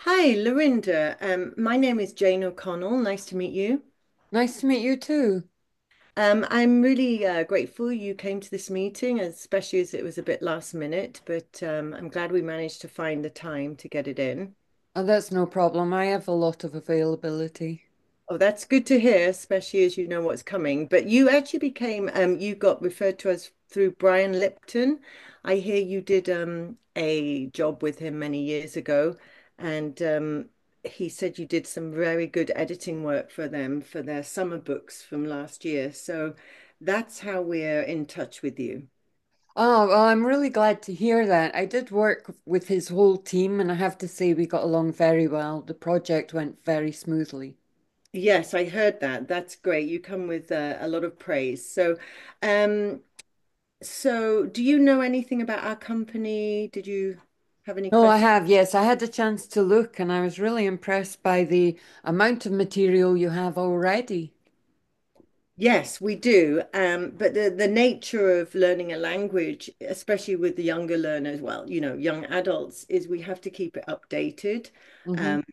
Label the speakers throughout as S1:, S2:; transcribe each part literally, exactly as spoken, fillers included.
S1: Hi, Lorinda. Um, my name is Jane O'Connell. Nice to meet you.
S2: Nice to meet you too.
S1: Um, I'm really uh, grateful you came to this meeting, especially as it was a bit last minute, but um, I'm glad we managed to find the time to get it in.
S2: Oh, that's no problem. I have a lot of availability.
S1: Oh, that's good to hear, especially as you know what's coming. But you actually became, um, you got referred to us through Brian Lipton. I hear you did um, a job with him many years ago, and um, he said you did some very good editing work for them for their summer books from last year. So that's how we're in touch with you.
S2: Oh, well, I'm really glad to hear that. I did work with his whole team, and I have to say we got along very well. The project went very smoothly.
S1: Yes, I heard that. That's great. You come with uh, a lot of praise. So, um, So, do you know anything about our company? Did you have any
S2: No, I
S1: questions?
S2: have, yes. I had a chance to look, and I was really impressed by the amount of material you have already.
S1: Yes, we do. Um, but the, the nature of learning a language, especially with the younger learners, well, you know, young adults, is we have to keep it updated.
S2: Hmm.
S1: Um,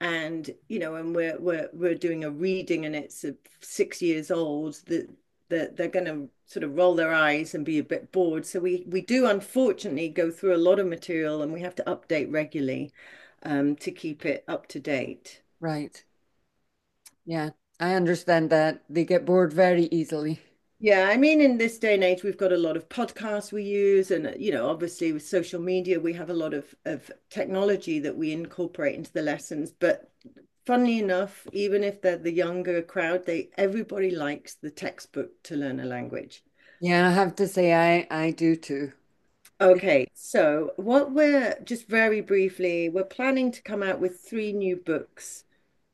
S1: and you know, and we're we're we're doing a reading and it's six years old that that they're going to sort of roll their eyes and be a bit bored, so we we do unfortunately go through a lot of material, and we have to update regularly um, to keep it up to date.
S2: Right. Yeah, I understand that. They get bored very easily.
S1: Yeah, I mean, in this day and age, we've got a lot of podcasts we use, and uh, you know, obviously with social media, we have a lot of of technology that we incorporate into the lessons. But funnily enough, even if they're the younger crowd, they everybody likes the textbook to learn a language.
S2: Yeah, I have to say I I do too.
S1: Okay, so what we're just very briefly, we're planning to come out with three new books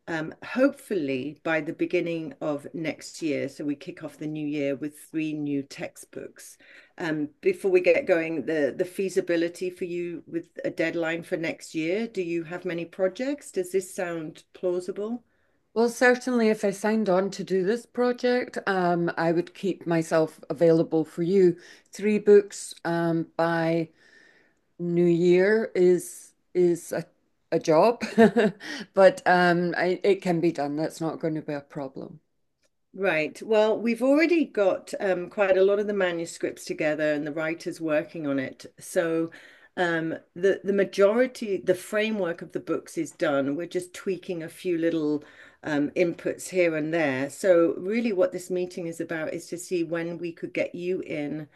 S1: um, hopefully by the beginning of next year. So we kick off the new year with three new textbooks. Um, before we get going, the, the feasibility for you with a deadline for next year, do you have many projects? Does this sound plausible?
S2: Well, certainly, if I signed on to do this project, um, I would keep myself available for you. Three books um, by New Year is is a, a job, but um, I, it can be done. That's not going to be a problem.
S1: Right. Well, we've already got um, quite a lot of the manuscripts together and the writers working on it. So um, the the majority, the framework of the books is done. We're just tweaking a few little um, inputs here and there. So really, what this meeting is about is to see when we could get you in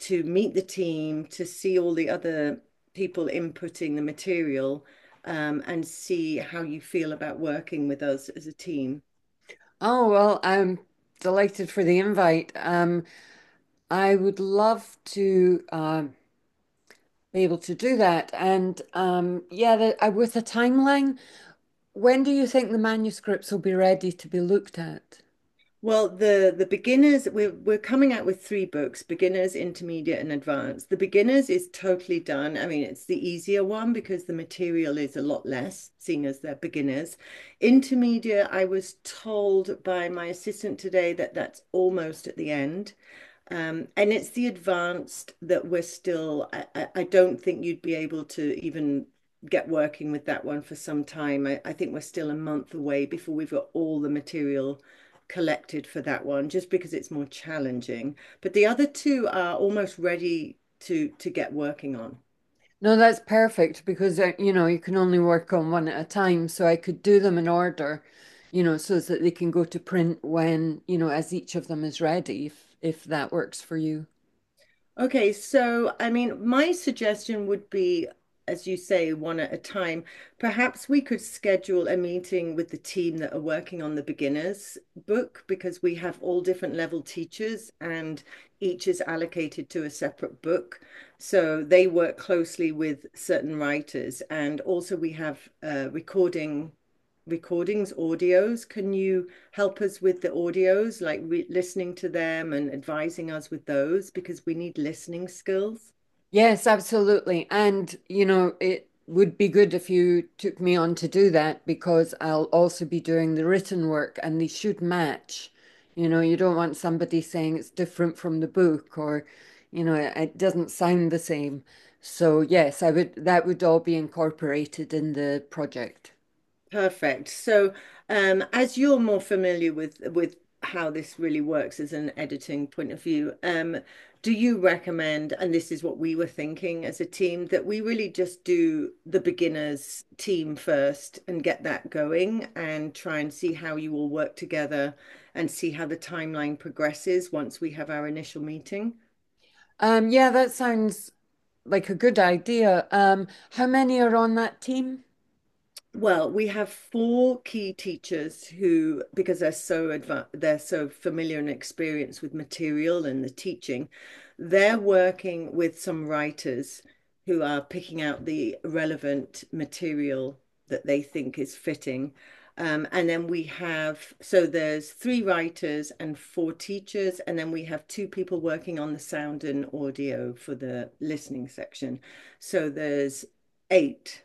S1: to meet the team, to see all the other people inputting the material, um, and see how you feel about working with us as a team.
S2: Oh well, I'm delighted for the invite. Um, I would love to um, be able to do that, and um, yeah, the, uh, with a timeline. When do you think the manuscripts will be ready to be looked at?
S1: Well, the the beginners we're we're coming out with three books: beginners, intermediate, and advanced. The beginners is totally done. I mean, it's the easier one because the material is a lot less, seeing as they're beginners. Intermediate, I was told by my assistant today that that's almost at the end. Um, and it's the advanced that we're still, I, I I don't think you'd be able to even get working with that one for some time. I, I think we're still a month away before we've got all the material collected for that one, just because it's more challenging. But the other two are almost ready to to get working on.
S2: No, that's perfect because uh, you know you can only work on one at a time. So I could do them in order, you know, so that they can go to print when, you know, as each of them is ready, if if that works for you.
S1: Okay, so I mean, my suggestion would be, as you say, one at a time. Perhaps we could schedule a meeting with the team that are working on the beginners book, because we have all different level teachers and each is allocated to a separate book. So they work closely with certain writers. And also we have uh, recording recordings, audios. Can you help us with the audios, like re- listening to them and advising us with those, because we need listening skills.
S2: Yes, absolutely. And, you know, it would be good if you took me on to do that because I'll also be doing the written work and they should match. You know, you don't want somebody saying it's different from the book or, you know, it it doesn't sound the same. So, yes, I would, that would all be incorporated in the project.
S1: Perfect. So, um, as you're more familiar with with how this really works as an editing point of view, um, do you recommend? And this is what we were thinking as a team, that we really just do the beginners team first and get that going, and try and see how you all work together, and see how the timeline progresses once we have our initial meeting.
S2: Um, yeah, that sounds like a good idea. Um, how many are on that team?
S1: Well, we have four key teachers who, because they're so advanced, they're so familiar and experienced with material and the teaching, they're working with some writers who are picking out the relevant material that they think is fitting. Um, and then we have, so there's three writers and four teachers, and then we have two people working on the sound and audio for the listening section. So there's eight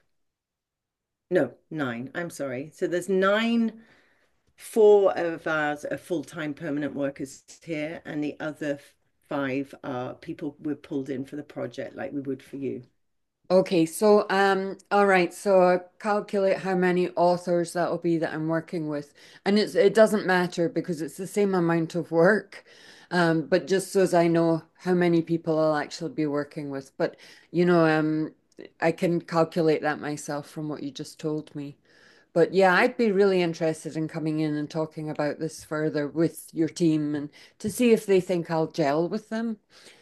S1: no, nine. I'm sorry. So there's nine, four of us are full-time permanent workers here, and the other five are people we're pulled in for the project, like we would for you.
S2: Okay, so um, all right, so I calculate how many authors that'll be that I'm working with, and it's it doesn't matter because it's the same amount of work, um, but just so as I know how many people I'll actually be working with. But you know, um, I can calculate that myself from what you just told me. But yeah, I'd be really interested in coming in and talking about this further with your team and to see if they think I'll gel with them,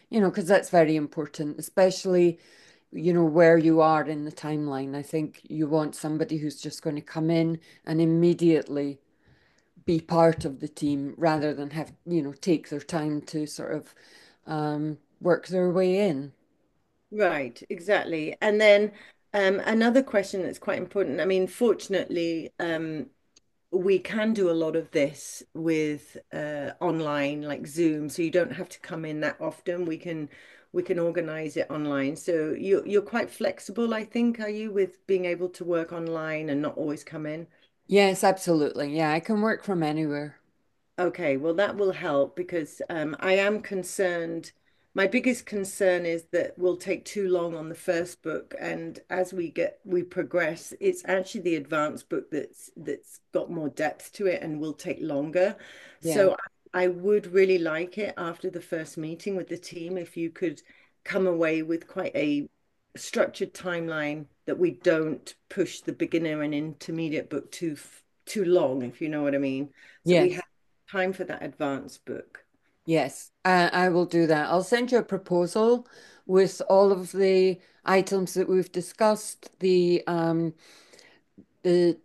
S2: you know, because that's very important, especially you know where you are in the timeline. I think you want somebody who's just going to come in and immediately be part of the team rather than have you know take their time to sort of um, work their way in.
S1: Right, exactly. And then um, another question that's quite important. I mean, fortunately, um, we can do a lot of this with uh, online like Zoom, so you don't have to come in that often. We can we can organize it online. So you you're quite flexible, I think, are you, with being able to work online and not always come in?
S2: Yes, absolutely. Yeah, I can work from anywhere.
S1: Okay, well, that will help because um, I am concerned. My biggest concern is that we'll take too long on the first book, and as we get we progress, it's actually the advanced book that's that's got more depth to it and will take longer.
S2: Yeah.
S1: So I would really like it, after the first meeting with the team, if you could come away with quite a structured timeline that we don't push the beginner and intermediate book too too long, if you know what I mean. So we
S2: Yes.
S1: have time for that advance book.
S2: Yes. I, I will do that. I'll send you a proposal with all of the items that we've discussed, the um, the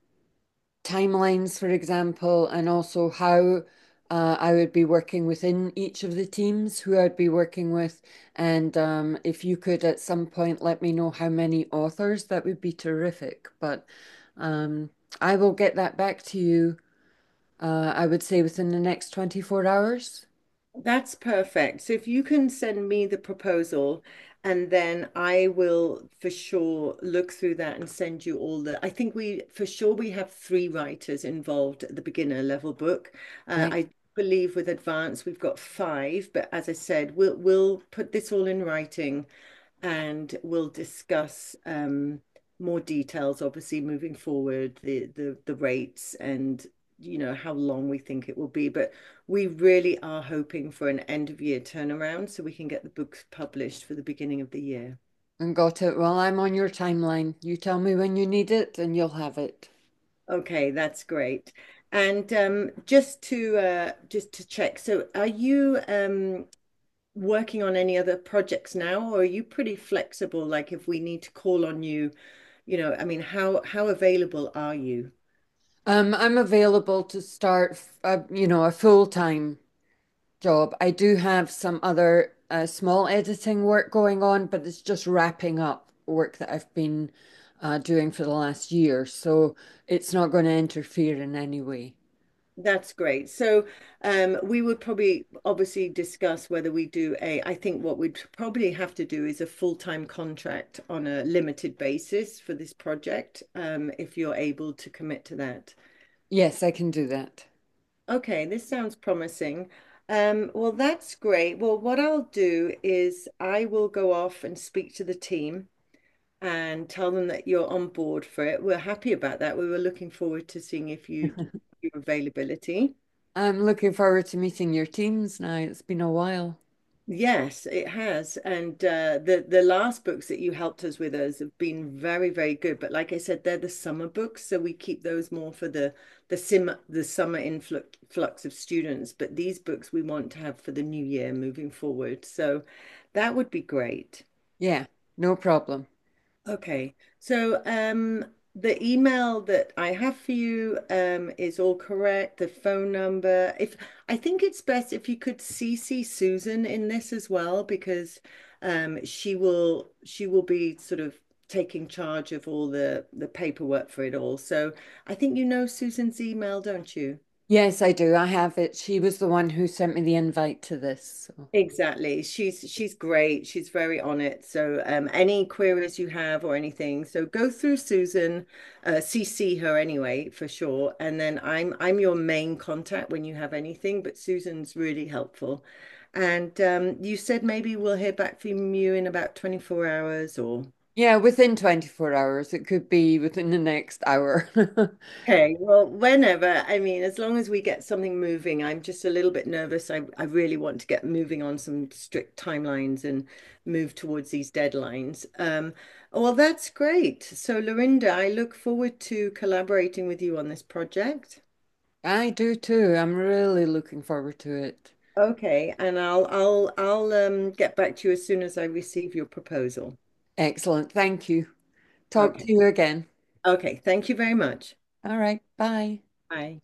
S2: timelines, for example, and also how uh, I would be working within each of the teams, who I'd be working with. And um, if you could at some point let me know how many authors, that would be terrific. But um, I will get that back to you, uh, I would say within the next twenty-four hours.
S1: That's perfect. So if you can send me the proposal, and then I will for sure look through that and send you all the. I think we for sure we have three writers involved at the beginner level book. Uh,
S2: Right.
S1: I believe with advanced we've got five, but as I said, we'll we'll put this all in writing, and we'll discuss um, more details, obviously moving forward, the the the rates and you know how long we think it will be. But we really are hoping for an end of year turnaround so we can get the books published for the beginning of the year.
S2: And got it. Well, I'm on your timeline. You tell me when you need it and you'll have it.
S1: Okay, that's great. And um, just to uh, just to check, so are you um, working on any other projects now, or are you pretty flexible? Like if we need to call on you, you know, I mean, how how available are you?
S2: Um, I'm available to start, uh, you know, a full-time job. I do have some other uh, small editing work going on, but it's just wrapping up work that I've been uh, doing for the last year. So it's not going to interfere in any way.
S1: That's great. So, um, we would probably obviously discuss whether we do a, I think what we'd probably have to do is a full-time contract on a limited basis for this project, um, if you're able to commit to that.
S2: Yes, I can do that.
S1: Okay, this sounds promising. Um, well, that's great. Well, what I'll do is I will go off and speak to the team and tell them that you're on board for it. We're happy about that. We were looking forward to seeing if you'd your availability.
S2: I'm looking forward to meeting your teams now. It's been a while.
S1: Yes, it has. And uh, the the last books that you helped us with us have been very, very good. But like I said, they're the summer books, so we keep those more for the the sim the summer influx flux of students. But these books we want to have for the new year moving forward. So that would be great.
S2: Yeah, no problem.
S1: Okay. So um, the email that I have for you um, is all correct. The phone number. If I think it's best if you could C C Susan in this as well, because um, she will she will be sort of taking charge of all the the paperwork for it all. So I think you know Susan's email, don't you?
S2: Yes, I do. I have it. She was the one who sent me the invite to this. So.
S1: Exactly. She's she's great. She's very on it. So um, any queries you have or anything, so go through Susan, uh, C C her anyway for sure. And then I'm I'm your main contact when you have anything, but Susan's really helpful. And um, you said maybe we'll hear back from you in about twenty-four hours or
S2: Yeah, within twenty-four hours. It could be within the next hour.
S1: Okay, well, whenever, I mean, as long as we get something moving, I'm just a little bit nervous. I, I really want to get moving on some strict timelines and move towards these deadlines. Um, oh, well, that's great. So, Lorinda, I look forward to collaborating with you on this project.
S2: I do too. I'm really looking forward to it.
S1: Okay, and I'll I'll I'll um, get back to you as soon as I receive your proposal.
S2: Excellent. Thank you. Talk
S1: Okay.
S2: to you again.
S1: Okay, thank you very much.
S2: All right. Bye.
S1: Bye.